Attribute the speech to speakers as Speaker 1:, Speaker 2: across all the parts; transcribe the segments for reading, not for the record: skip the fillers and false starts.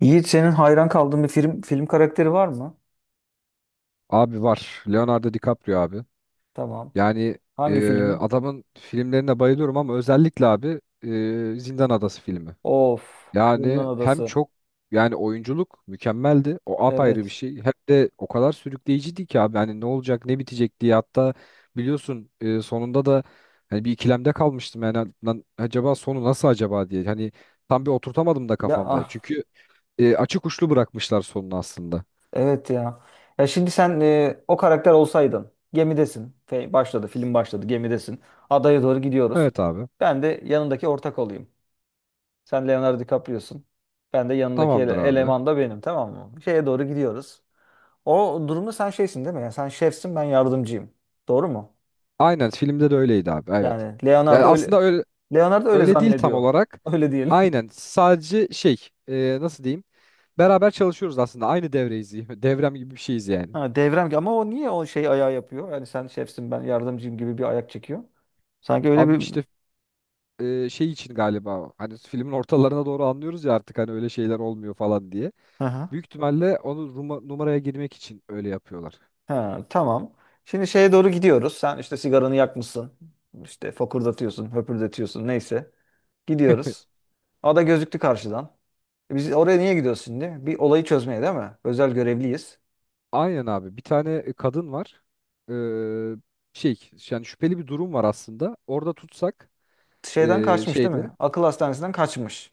Speaker 1: Yiğit senin hayran kaldığın bir film karakteri var mı?
Speaker 2: Abi var. Leonardo DiCaprio abi.
Speaker 1: Tamam.
Speaker 2: Yani
Speaker 1: Hangi
Speaker 2: e,
Speaker 1: filmi?
Speaker 2: adamın filmlerine bayılıyorum ama özellikle abi Zindan Adası filmi.
Speaker 1: Of, Zindan
Speaker 2: Yani hem
Speaker 1: Adası.
Speaker 2: çok yani oyunculuk mükemmeldi. O apayrı bir
Speaker 1: Evet.
Speaker 2: şey. Hem de o kadar sürükleyiciydi ki abi. Hani ne olacak ne bitecek diye hatta biliyorsun sonunda da hani bir ikilemde kalmıştım. Yani lan acaba sonu nasıl acaba diye. Hani tam bir oturtamadım da
Speaker 1: Ya
Speaker 2: kafamda.
Speaker 1: ah,
Speaker 2: Çünkü açık uçlu bırakmışlar sonunu aslında.
Speaker 1: evet ya. Ya şimdi sen o karakter olsaydın. Gemidesin. Başladı, film başladı. Gemidesin. Adaya doğru gidiyoruz.
Speaker 2: Evet abi.
Speaker 1: Ben de yanındaki ortak olayım. Sen Leonardo DiCaprio'sun. Ben de yanındaki
Speaker 2: Tamamdır abi.
Speaker 1: eleman da benim, tamam mı? Şeye doğru gidiyoruz. O durumda sen şeysin değil mi? Yani sen şefsin, ben yardımcıyım. Doğru mu?
Speaker 2: Aynen filmde de öyleydi abi. Evet.
Speaker 1: Yani
Speaker 2: Yani
Speaker 1: Leonardo öyle
Speaker 2: aslında öyle
Speaker 1: Leonardo öyle
Speaker 2: öyle değil tam
Speaker 1: zannediyor.
Speaker 2: olarak.
Speaker 1: Öyle diyelim.
Speaker 2: Aynen sadece şey nasıl diyeyim? Beraber çalışıyoruz aslında. Aynı devreyiz. Devrem gibi bir şeyiz yani.
Speaker 1: Ha, devrem ama o niye o şey ayağı yapıyor? Yani sen şefsin ben yardımcıyım gibi bir ayak çekiyor. Sanki öyle
Speaker 2: Abi
Speaker 1: bir
Speaker 2: işte şey için galiba hani filmin ortalarına doğru anlıyoruz ya artık hani öyle şeyler olmuyor falan diye.
Speaker 1: hı hı.
Speaker 2: Büyük ihtimalle onu numaraya girmek için öyle yapıyorlar.
Speaker 1: Ha, tamam. Şimdi şeye doğru gidiyoruz. Sen işte sigaranı yakmışsın. İşte fokurdatıyorsun, höpürdetiyorsun neyse. Gidiyoruz. Ada gözüktü karşıdan. E biz oraya niye gidiyoruz şimdi? Bir olayı çözmeye değil mi? Özel görevliyiz.
Speaker 2: Aynen abi. Bir tane kadın var. Ee, şey yani şüpheli bir durum var aslında. Orada tutsak
Speaker 1: Şeyden kaçmış değil mi?
Speaker 2: şeyde
Speaker 1: Akıl hastanesinden kaçmış.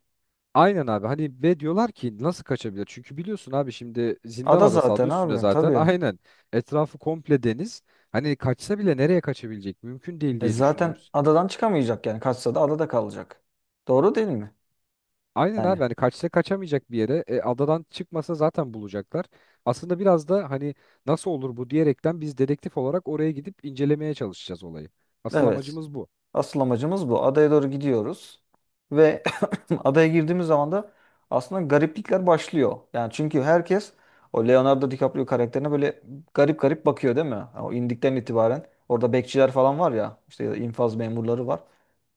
Speaker 2: aynen abi hani ve diyorlar ki nasıl kaçabilir? Çünkü biliyorsun abi şimdi zindan
Speaker 1: Ada
Speaker 2: adası adı
Speaker 1: zaten
Speaker 2: üstünde
Speaker 1: abi
Speaker 2: zaten
Speaker 1: tabii.
Speaker 2: aynen etrafı komple deniz. Hani kaçsa bile nereye kaçabilecek? Mümkün değil
Speaker 1: E
Speaker 2: diye
Speaker 1: zaten
Speaker 2: düşünüyoruz.
Speaker 1: adadan çıkamayacak yani. Kaçsa da adada kalacak. Doğru değil mi?
Speaker 2: Aynen abi
Speaker 1: Yani
Speaker 2: hani kaçsa kaçamayacak bir yere adadan çıkmasa zaten bulacaklar. Aslında biraz da hani nasıl olur bu diyerekten biz dedektif olarak oraya gidip incelemeye çalışacağız olayı. Asıl
Speaker 1: evet.
Speaker 2: amacımız bu.
Speaker 1: Asıl amacımız bu. Adaya doğru gidiyoruz ve adaya girdiğimiz zaman da aslında gariplikler başlıyor. Yani çünkü herkes o Leonardo DiCaprio karakterine böyle garip garip bakıyor değil mi? Yani o indikten itibaren orada bekçiler falan var ya işte ya da infaz memurları var.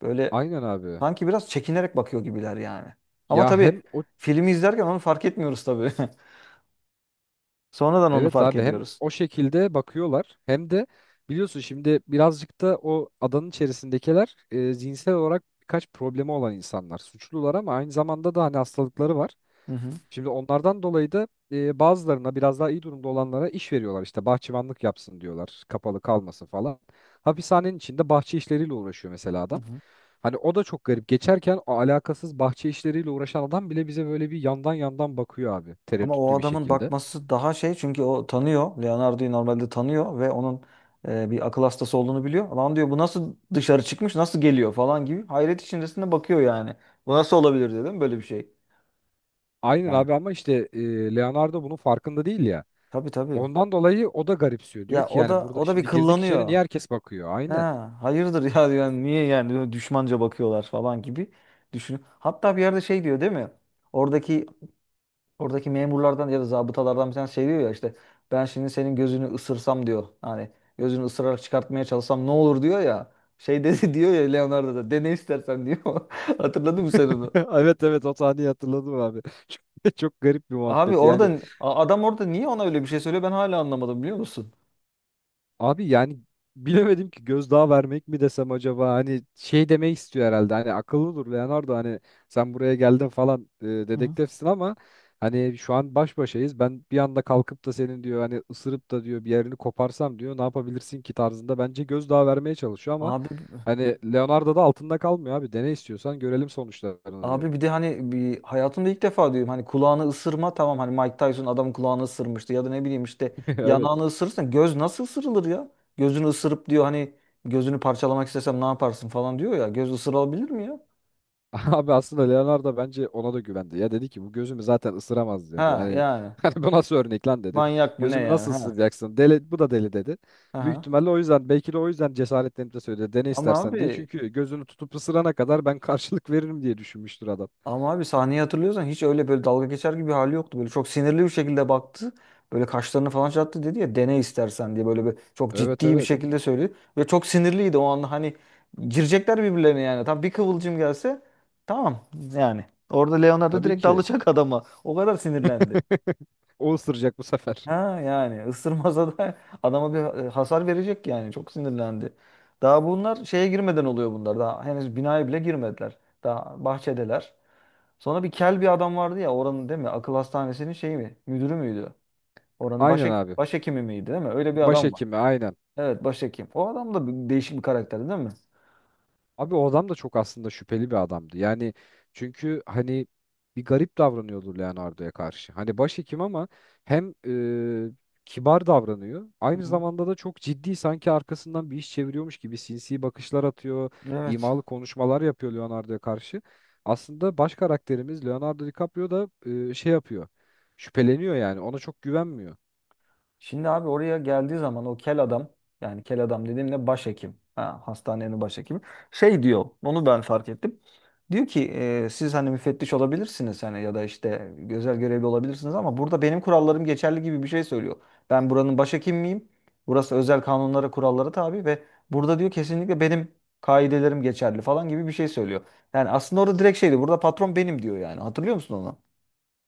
Speaker 1: Böyle
Speaker 2: Aynen abi.
Speaker 1: sanki biraz çekinerek bakıyor gibiler yani. Ama
Speaker 2: Ya
Speaker 1: tabii
Speaker 2: hem o
Speaker 1: filmi izlerken onu fark etmiyoruz tabii. Sonradan onu
Speaker 2: evet
Speaker 1: fark
Speaker 2: abi hem
Speaker 1: ediyoruz.
Speaker 2: o şekilde bakıyorlar hem de biliyorsun şimdi birazcık da o adanın içerisindekiler zihinsel olarak birkaç problemi olan insanlar. Suçlular ama aynı zamanda da hani hastalıkları var.
Speaker 1: Hı hı.
Speaker 2: Şimdi onlardan dolayı da bazılarına biraz daha iyi durumda olanlara iş veriyorlar. İşte bahçıvanlık yapsın diyorlar. Kapalı kalmasın falan. Hapishanenin içinde bahçe işleriyle uğraşıyor mesela
Speaker 1: Hı
Speaker 2: adam.
Speaker 1: hı.
Speaker 2: Hani o da çok garip. Geçerken o alakasız bahçe işleriyle uğraşan adam bile bize böyle bir yandan yandan bakıyor abi.
Speaker 1: Ama o
Speaker 2: Tereddütlü bir
Speaker 1: adamın
Speaker 2: şekilde.
Speaker 1: bakması daha şey, çünkü o tanıyor. Leonardo'yu normalde tanıyor ve onun bir akıl hastası olduğunu biliyor. Lan diyor bu nasıl dışarı çıkmış, nasıl geliyor falan gibi. Hayret içerisinde bakıyor yani. Bu nasıl olabilir dedim, böyle bir şey.
Speaker 2: Aynen
Speaker 1: Ha.
Speaker 2: abi ama işte Leonardo bunun farkında değil ya.
Speaker 1: Tabii tabii.
Speaker 2: Ondan dolayı o da garipsiyor. Diyor
Speaker 1: Ya
Speaker 2: ki
Speaker 1: o
Speaker 2: yani
Speaker 1: da
Speaker 2: burada
Speaker 1: o da bir
Speaker 2: şimdi girdik içeri niye
Speaker 1: kıllanıyor.
Speaker 2: herkes bakıyor? Aynen.
Speaker 1: Ha, hayırdır ya diyor. Yani niye yani böyle düşmanca bakıyorlar falan gibi düşünüyor. Hatta bir yerde şey diyor değil mi? Oradaki Oradaki memurlardan ya da zabıtalardan bir tanesi şey diyor ya, işte ben şimdi senin gözünü ısırsam diyor. Hani gözünü ısırarak çıkartmaya çalışsam ne olur diyor ya. Şey dedi diyor ya, Leonardo da dene istersen diyor. Hatırladın mı sen onu?
Speaker 2: Evet evet, o sahneyi hatırladım abi. Çok, çok garip bir
Speaker 1: Abi
Speaker 2: muhabbet. Yani
Speaker 1: orada adam orada niye ona öyle bir şey söylüyor, ben hala anlamadım biliyor musun?
Speaker 2: abi yani bilemedim ki gözdağı vermek mi desem acaba hani şey demek istiyor herhalde hani akıllı dur Leonardo hani sen buraya geldin falan
Speaker 1: Hı hı.
Speaker 2: dedektifsin ama hani şu an baş başayız ben bir anda kalkıp da senin diyor hani ısırıp da diyor bir yerini koparsam diyor ne yapabilirsin ki tarzında bence gözdağı vermeye çalışıyor ama
Speaker 1: Abi
Speaker 2: hani Leonardo da altında kalmıyor abi dene istiyorsan görelim sonuçlarını diyor.
Speaker 1: Abi bir de hani bir hayatımda ilk defa diyorum, hani kulağını ısırma tamam, hani Mike Tyson adamın kulağını ısırmıştı ya da ne bileyim işte
Speaker 2: Evet.
Speaker 1: yanağını ısırırsan, göz nasıl ısırılır ya? Gözünü ısırıp diyor hani gözünü parçalamak istesem ne yaparsın falan diyor ya, göz ısırılabilir mi ya?
Speaker 2: Abi aslında Leonardo bence ona da güvendi. Ya dedi ki bu gözümü zaten ısıramaz dedi.
Speaker 1: Ha
Speaker 2: Hani
Speaker 1: yani
Speaker 2: hani bu nasıl örnek lan dedi.
Speaker 1: manyak mı ne
Speaker 2: Gözümü
Speaker 1: yani,
Speaker 2: nasıl
Speaker 1: ha.
Speaker 2: ısıracaksın? Deli, bu da deli dedi. Büyük
Speaker 1: Aha.
Speaker 2: ihtimalle o yüzden belki de o yüzden cesaretlenip de söyledi. Dene
Speaker 1: Ama
Speaker 2: istersen diye.
Speaker 1: abi
Speaker 2: Çünkü gözünü tutup ısırana kadar ben karşılık veririm diye düşünmüştür adam.
Speaker 1: ama abi sahneyi hatırlıyorsan hiç öyle böyle dalga geçer gibi bir hali yoktu. Böyle çok sinirli bir şekilde baktı. Böyle kaşlarını falan çattı, dedi ya dene istersen diye böyle bir çok
Speaker 2: Evet
Speaker 1: ciddi bir
Speaker 2: evet.
Speaker 1: şekilde söyledi. Ve çok sinirliydi o anda, hani girecekler birbirlerine yani. Tam bir kıvılcım gelse tamam yani. Orada Leonardo
Speaker 2: Tabii
Speaker 1: direkt
Speaker 2: ki.
Speaker 1: dalacak adama. O kadar sinirlendi.
Speaker 2: O ısıracak bu sefer.
Speaker 1: Ha yani ısırmasa da adama bir hasar verecek yani. Çok sinirlendi. Daha bunlar şeye girmeden oluyor bunlar. Daha henüz binaya bile girmediler. Daha bahçedeler. Sonra bir kel bir adam vardı ya oranın, değil mi? Akıl hastanesinin şeyi mi? Müdürü müydü? Oranın
Speaker 2: Aynen abi.
Speaker 1: başhekimi miydi, değil mi? Öyle bir adam var.
Speaker 2: Başhekimi aynen.
Speaker 1: Evet, başhekim. O adam da değişik bir karakter değil mi?
Speaker 2: Abi o adam da çok aslında şüpheli bir adamdı. Yani çünkü hani bir garip davranıyordu Leonardo'ya karşı. Hani başhekim ama hem e, kibar davranıyor.
Speaker 1: Hı
Speaker 2: Aynı
Speaker 1: hı.
Speaker 2: zamanda da çok ciddi sanki arkasından bir iş çeviriyormuş gibi sinsi bakışlar atıyor.
Speaker 1: Evet.
Speaker 2: İmalı konuşmalar yapıyor Leonardo'ya karşı. Aslında baş karakterimiz Leonardo DiCaprio da şey yapıyor. Şüpheleniyor yani ona çok güvenmiyor.
Speaker 1: Şimdi abi oraya geldiği zaman o kel adam, yani kel adam dediğimde başhekim. Ha, hastanenin başhekimi. Şey diyor, onu ben fark ettim. Diyor ki siz hani müfettiş olabilirsiniz, hani ya da işte özel görevli olabilirsiniz ama burada benim kurallarım geçerli gibi bir şey söylüyor. Ben buranın başhekim miyim? Burası özel kanunlara, kurallara tabi ve burada diyor kesinlikle benim kaidelerim geçerli falan gibi bir şey söylüyor. Yani aslında orada direkt şeydi, burada patron benim diyor yani, hatırlıyor musun onu?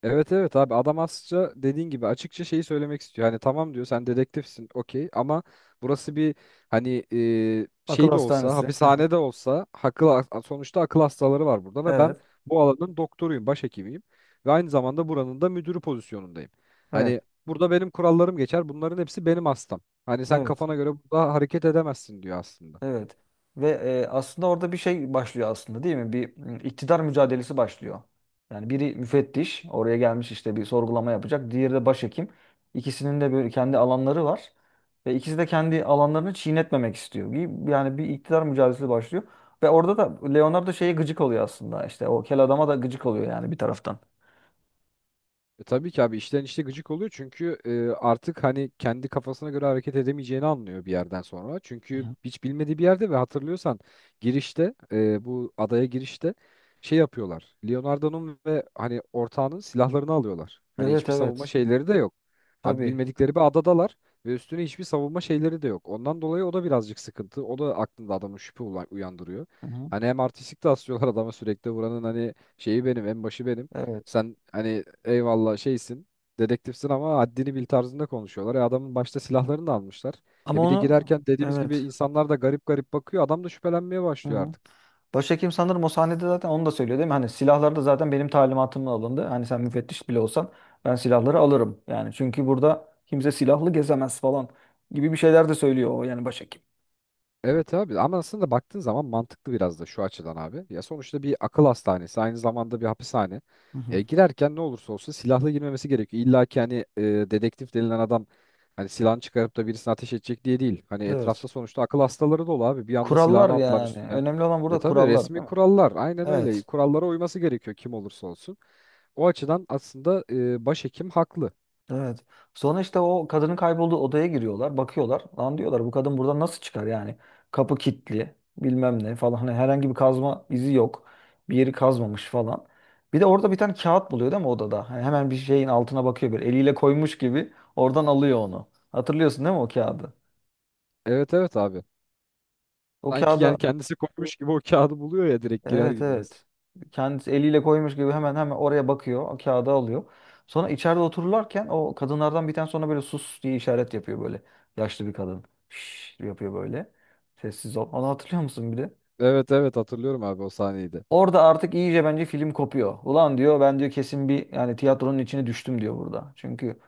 Speaker 2: Evet evet abi adam aslında dediğin gibi açıkça şeyi söylemek istiyor. Hani tamam diyor sen dedektifsin okey ama burası bir hani
Speaker 1: Akıl
Speaker 2: şey de olsa
Speaker 1: hastanesi. Hı hı.
Speaker 2: hapishane de olsa akıl, sonuçta akıl hastaları var burada ve ben
Speaker 1: Evet.
Speaker 2: bu alanın doktoruyum, başhekimiyim ve aynı zamanda buranın da müdürü pozisyonundayım.
Speaker 1: Evet.
Speaker 2: Hani burada benim kurallarım geçer bunların hepsi benim hastam. Hani sen
Speaker 1: Evet.
Speaker 2: kafana göre burada hareket edemezsin diyor aslında.
Speaker 1: Evet. Ve aslında orada bir şey başlıyor aslında değil mi? Bir iktidar mücadelesi başlıyor. Yani biri müfettiş, oraya gelmiş işte bir sorgulama yapacak. Diğeri de başhekim. İkisinin de böyle kendi alanları var ve ikisi de kendi alanlarını çiğnetmemek istiyor. Yani bir iktidar mücadelesi başlıyor ve orada da Leonardo şeye gıcık oluyor aslında. İşte o kel adama da gıcık oluyor yani bir taraftan.
Speaker 2: Tabii ki abi işten işte gıcık oluyor çünkü artık hani kendi kafasına göre hareket edemeyeceğini anlıyor bir yerden sonra.
Speaker 1: Hı
Speaker 2: Çünkü
Speaker 1: hı.
Speaker 2: hiç bilmediği bir yerde ve hatırlıyorsan girişte bu adaya girişte şey yapıyorlar. Leonardo'nun ve hani ortağının silahlarını alıyorlar. Hani
Speaker 1: Evet
Speaker 2: hiçbir savunma
Speaker 1: evet.
Speaker 2: şeyleri de yok. Abi
Speaker 1: Tabii.
Speaker 2: bilmedikleri bir adadalar ve üstüne hiçbir savunma şeyleri de yok. Ondan dolayı o da birazcık sıkıntı. O da aklında adamın şüphe uyandırıyor.
Speaker 1: Hı hı.
Speaker 2: Hani hem artistik de asıyorlar adama sürekli buranın hani şeyi benim en başı benim.
Speaker 1: Evet.
Speaker 2: Sen hani eyvallah şeysin, dedektifsin ama haddini bil tarzında konuşuyorlar. E adamın başta silahlarını da almışlar.
Speaker 1: Ama
Speaker 2: E bir de
Speaker 1: onu
Speaker 2: girerken dediğimiz gibi
Speaker 1: Evet.
Speaker 2: insanlar da garip garip bakıyor. Adam da şüphelenmeye başlıyor artık.
Speaker 1: Başhekim sanırım o sahnede zaten onu da söylüyor değil mi? Hani silahlar da zaten benim talimatımla alındı. Hani sen müfettiş bile olsan ben silahları alırım. Yani çünkü burada kimse silahlı gezemez falan gibi bir şeyler de söylüyor o, yani başhekim.
Speaker 2: Evet abi ama aslında baktığın zaman mantıklı biraz da şu açıdan abi. Ya sonuçta bir akıl hastanesi aynı zamanda bir hapishane.
Speaker 1: Hı hı.
Speaker 2: Girerken ne olursa olsun silahlı girmemesi gerekiyor. İlla ki hani dedektif denilen adam hani silahını çıkarıp da birisine ateş edecek diye değil. Hani
Speaker 1: Evet.
Speaker 2: etrafta sonuçta akıl hastaları dolu abi. Bir anda
Speaker 1: Kurallar
Speaker 2: silahını atlar
Speaker 1: yani.
Speaker 2: üstüne.
Speaker 1: Önemli olan
Speaker 2: E
Speaker 1: burada
Speaker 2: tabii
Speaker 1: kurallar
Speaker 2: resmi
Speaker 1: değil mi?
Speaker 2: kurallar aynen öyle.
Speaker 1: Evet.
Speaker 2: Kurallara uyması gerekiyor kim olursa olsun. O açıdan aslında başhekim haklı.
Speaker 1: Evet. Sonra işte o kadının kaybolduğu odaya giriyorlar, bakıyorlar. Lan diyorlar bu kadın buradan nasıl çıkar yani? Kapı kilitli, bilmem ne falan. Hani herhangi bir kazma izi yok. Bir yeri kazmamış falan. Bir de orada bir tane kağıt buluyor değil mi odada? Hani hemen bir şeyin altına bakıyor, böyle eliyle koymuş gibi oradan alıyor onu. Hatırlıyorsun değil mi o kağıdı?
Speaker 2: Evet evet abi.
Speaker 1: O
Speaker 2: Sanki
Speaker 1: kağıda
Speaker 2: yani kendisi koymuş gibi o kağıdı buluyor ya direkt girer
Speaker 1: Evet
Speaker 2: girmez.
Speaker 1: evet. Kendisi eliyle koymuş gibi hemen hemen oraya bakıyor. O kağıdı alıyor. Sonra içeride otururlarken o kadınlardan bir tane sonra böyle sus diye işaret yapıyor böyle. Yaşlı bir kadın. Şşş yapıyor böyle. Sessiz ol. Onu hatırlıyor musun bir de?
Speaker 2: Evet evet, hatırlıyorum abi o sahneyi de.
Speaker 1: Orada artık iyice bence film kopuyor. Ulan diyor ben diyor kesin bir, yani tiyatronun içine düştüm diyor burada. Çünkü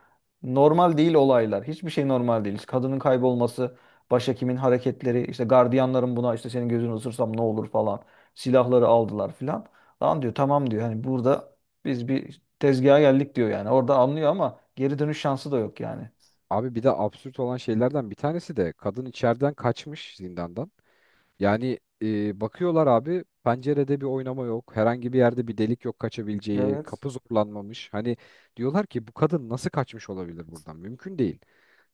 Speaker 1: normal değil olaylar. Hiçbir şey normal değil. Kadının kaybolması, başhekimin hareketleri, işte gardiyanların buna işte senin gözünü ısırsam ne olur falan. Silahları aldılar filan. Lan diyor tamam diyor. Hani burada biz bir tezgaha geldik diyor yani. Orada anlıyor ama geri dönüş şansı da yok yani.
Speaker 2: Abi bir de absürt olan şeylerden bir tanesi de kadın içeriden kaçmış zindandan. Yani bakıyorlar abi pencerede bir oynama yok. Herhangi bir yerde bir delik yok kaçabileceği.
Speaker 1: Evet.
Speaker 2: Kapı zorlanmamış. Hani diyorlar ki bu kadın nasıl kaçmış olabilir buradan? Mümkün değil.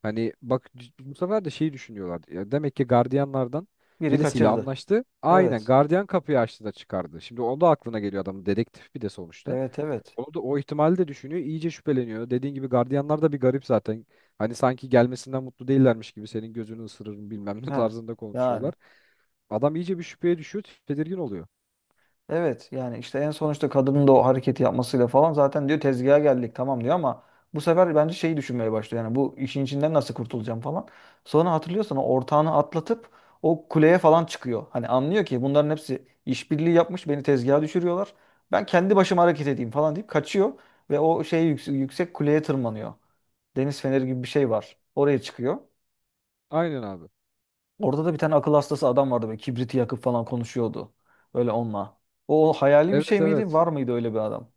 Speaker 2: Hani bak bu sefer de şeyi düşünüyorlar. Ya demek ki gardiyanlardan
Speaker 1: Biri
Speaker 2: birisiyle
Speaker 1: kaçırdı.
Speaker 2: anlaştı. Aynen
Speaker 1: Evet.
Speaker 2: gardiyan kapıyı açtı da çıkardı. Şimdi o da aklına geliyor adam dedektif bir de sonuçta.
Speaker 1: Evet evet.
Speaker 2: Onu da o ihtimali de düşünüyor. İyice şüpheleniyor. Dediğin gibi gardiyanlar da bir garip zaten. Hani sanki gelmesinden mutlu değillermiş gibi senin gözünü ısırırım bilmem ne
Speaker 1: Ha.
Speaker 2: tarzında
Speaker 1: Yani
Speaker 2: konuşuyorlar. Adam iyice bir şüpheye düşüyor, tedirgin oluyor.
Speaker 1: evet, yani işte en sonuçta kadının da o hareketi yapmasıyla falan zaten diyor tezgaha geldik tamam diyor ama bu sefer bence şeyi düşünmeye başlıyor. Yani bu işin içinden nasıl kurtulacağım falan. Sonra hatırlıyorsan o ortağını atlatıp o kuleye falan çıkıyor. Hani anlıyor ki bunların hepsi işbirliği yapmış, beni tezgaha düşürüyorlar. Ben kendi başıma hareket edeyim falan deyip kaçıyor ve o şey yüksek, yüksek kuleye tırmanıyor. Deniz feneri gibi bir şey var. Oraya çıkıyor.
Speaker 2: Aynen abi.
Speaker 1: Orada da bir tane akıl hastası adam vardı, böyle kibriti yakıp falan konuşuyordu böyle onunla. O hayali bir şey
Speaker 2: Evet
Speaker 1: miydi?
Speaker 2: evet.
Speaker 1: Var mıydı öyle bir adam?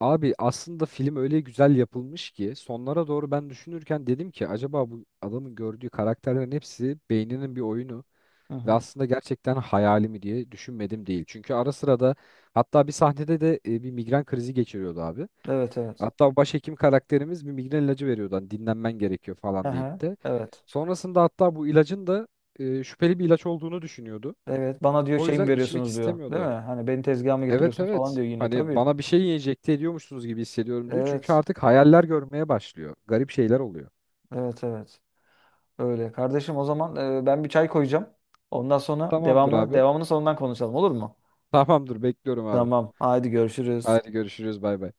Speaker 2: Abi aslında film öyle güzel yapılmış ki sonlara doğru ben düşünürken dedim ki acaba bu adamın gördüğü karakterlerin hepsi beyninin bir oyunu
Speaker 1: Hı
Speaker 2: ve
Speaker 1: hı.
Speaker 2: aslında gerçekten hayali mi diye düşünmedim değil. Çünkü ara sıra da hatta bir sahnede de bir migren krizi geçiriyordu abi.
Speaker 1: Evet evet.
Speaker 2: Hatta başhekim karakterimiz bir migren ilacı veriyordu. Hani dinlenmen gerekiyor falan
Speaker 1: Aha,
Speaker 2: deyip de.
Speaker 1: evet.
Speaker 2: Sonrasında hatta bu ilacın da şüpheli bir ilaç olduğunu düşünüyordu.
Speaker 1: Evet, bana diyor
Speaker 2: O
Speaker 1: şey mi
Speaker 2: yüzden içmek
Speaker 1: veriyorsunuz diyor. Değil mi?
Speaker 2: istemiyordu.
Speaker 1: Hani beni tezgaha mı
Speaker 2: Evet
Speaker 1: getiriyorsunuz falan
Speaker 2: evet.
Speaker 1: diyor yine
Speaker 2: Hani
Speaker 1: tabii.
Speaker 2: bana bir şey enjekte ediyormuşsunuz gibi hissediyorum diyor. Çünkü
Speaker 1: Evet.
Speaker 2: artık hayaller görmeye başlıyor. Garip şeyler oluyor.
Speaker 1: Evet evet. Öyle. Kardeşim o zaman ben bir çay koyacağım. Ondan sonra
Speaker 2: Tamamdır
Speaker 1: devamını
Speaker 2: abi.
Speaker 1: sonundan konuşalım, olur mu?
Speaker 2: Tamamdır bekliyorum abi.
Speaker 1: Tamam. Haydi görüşürüz.
Speaker 2: Hadi görüşürüz, bay bay.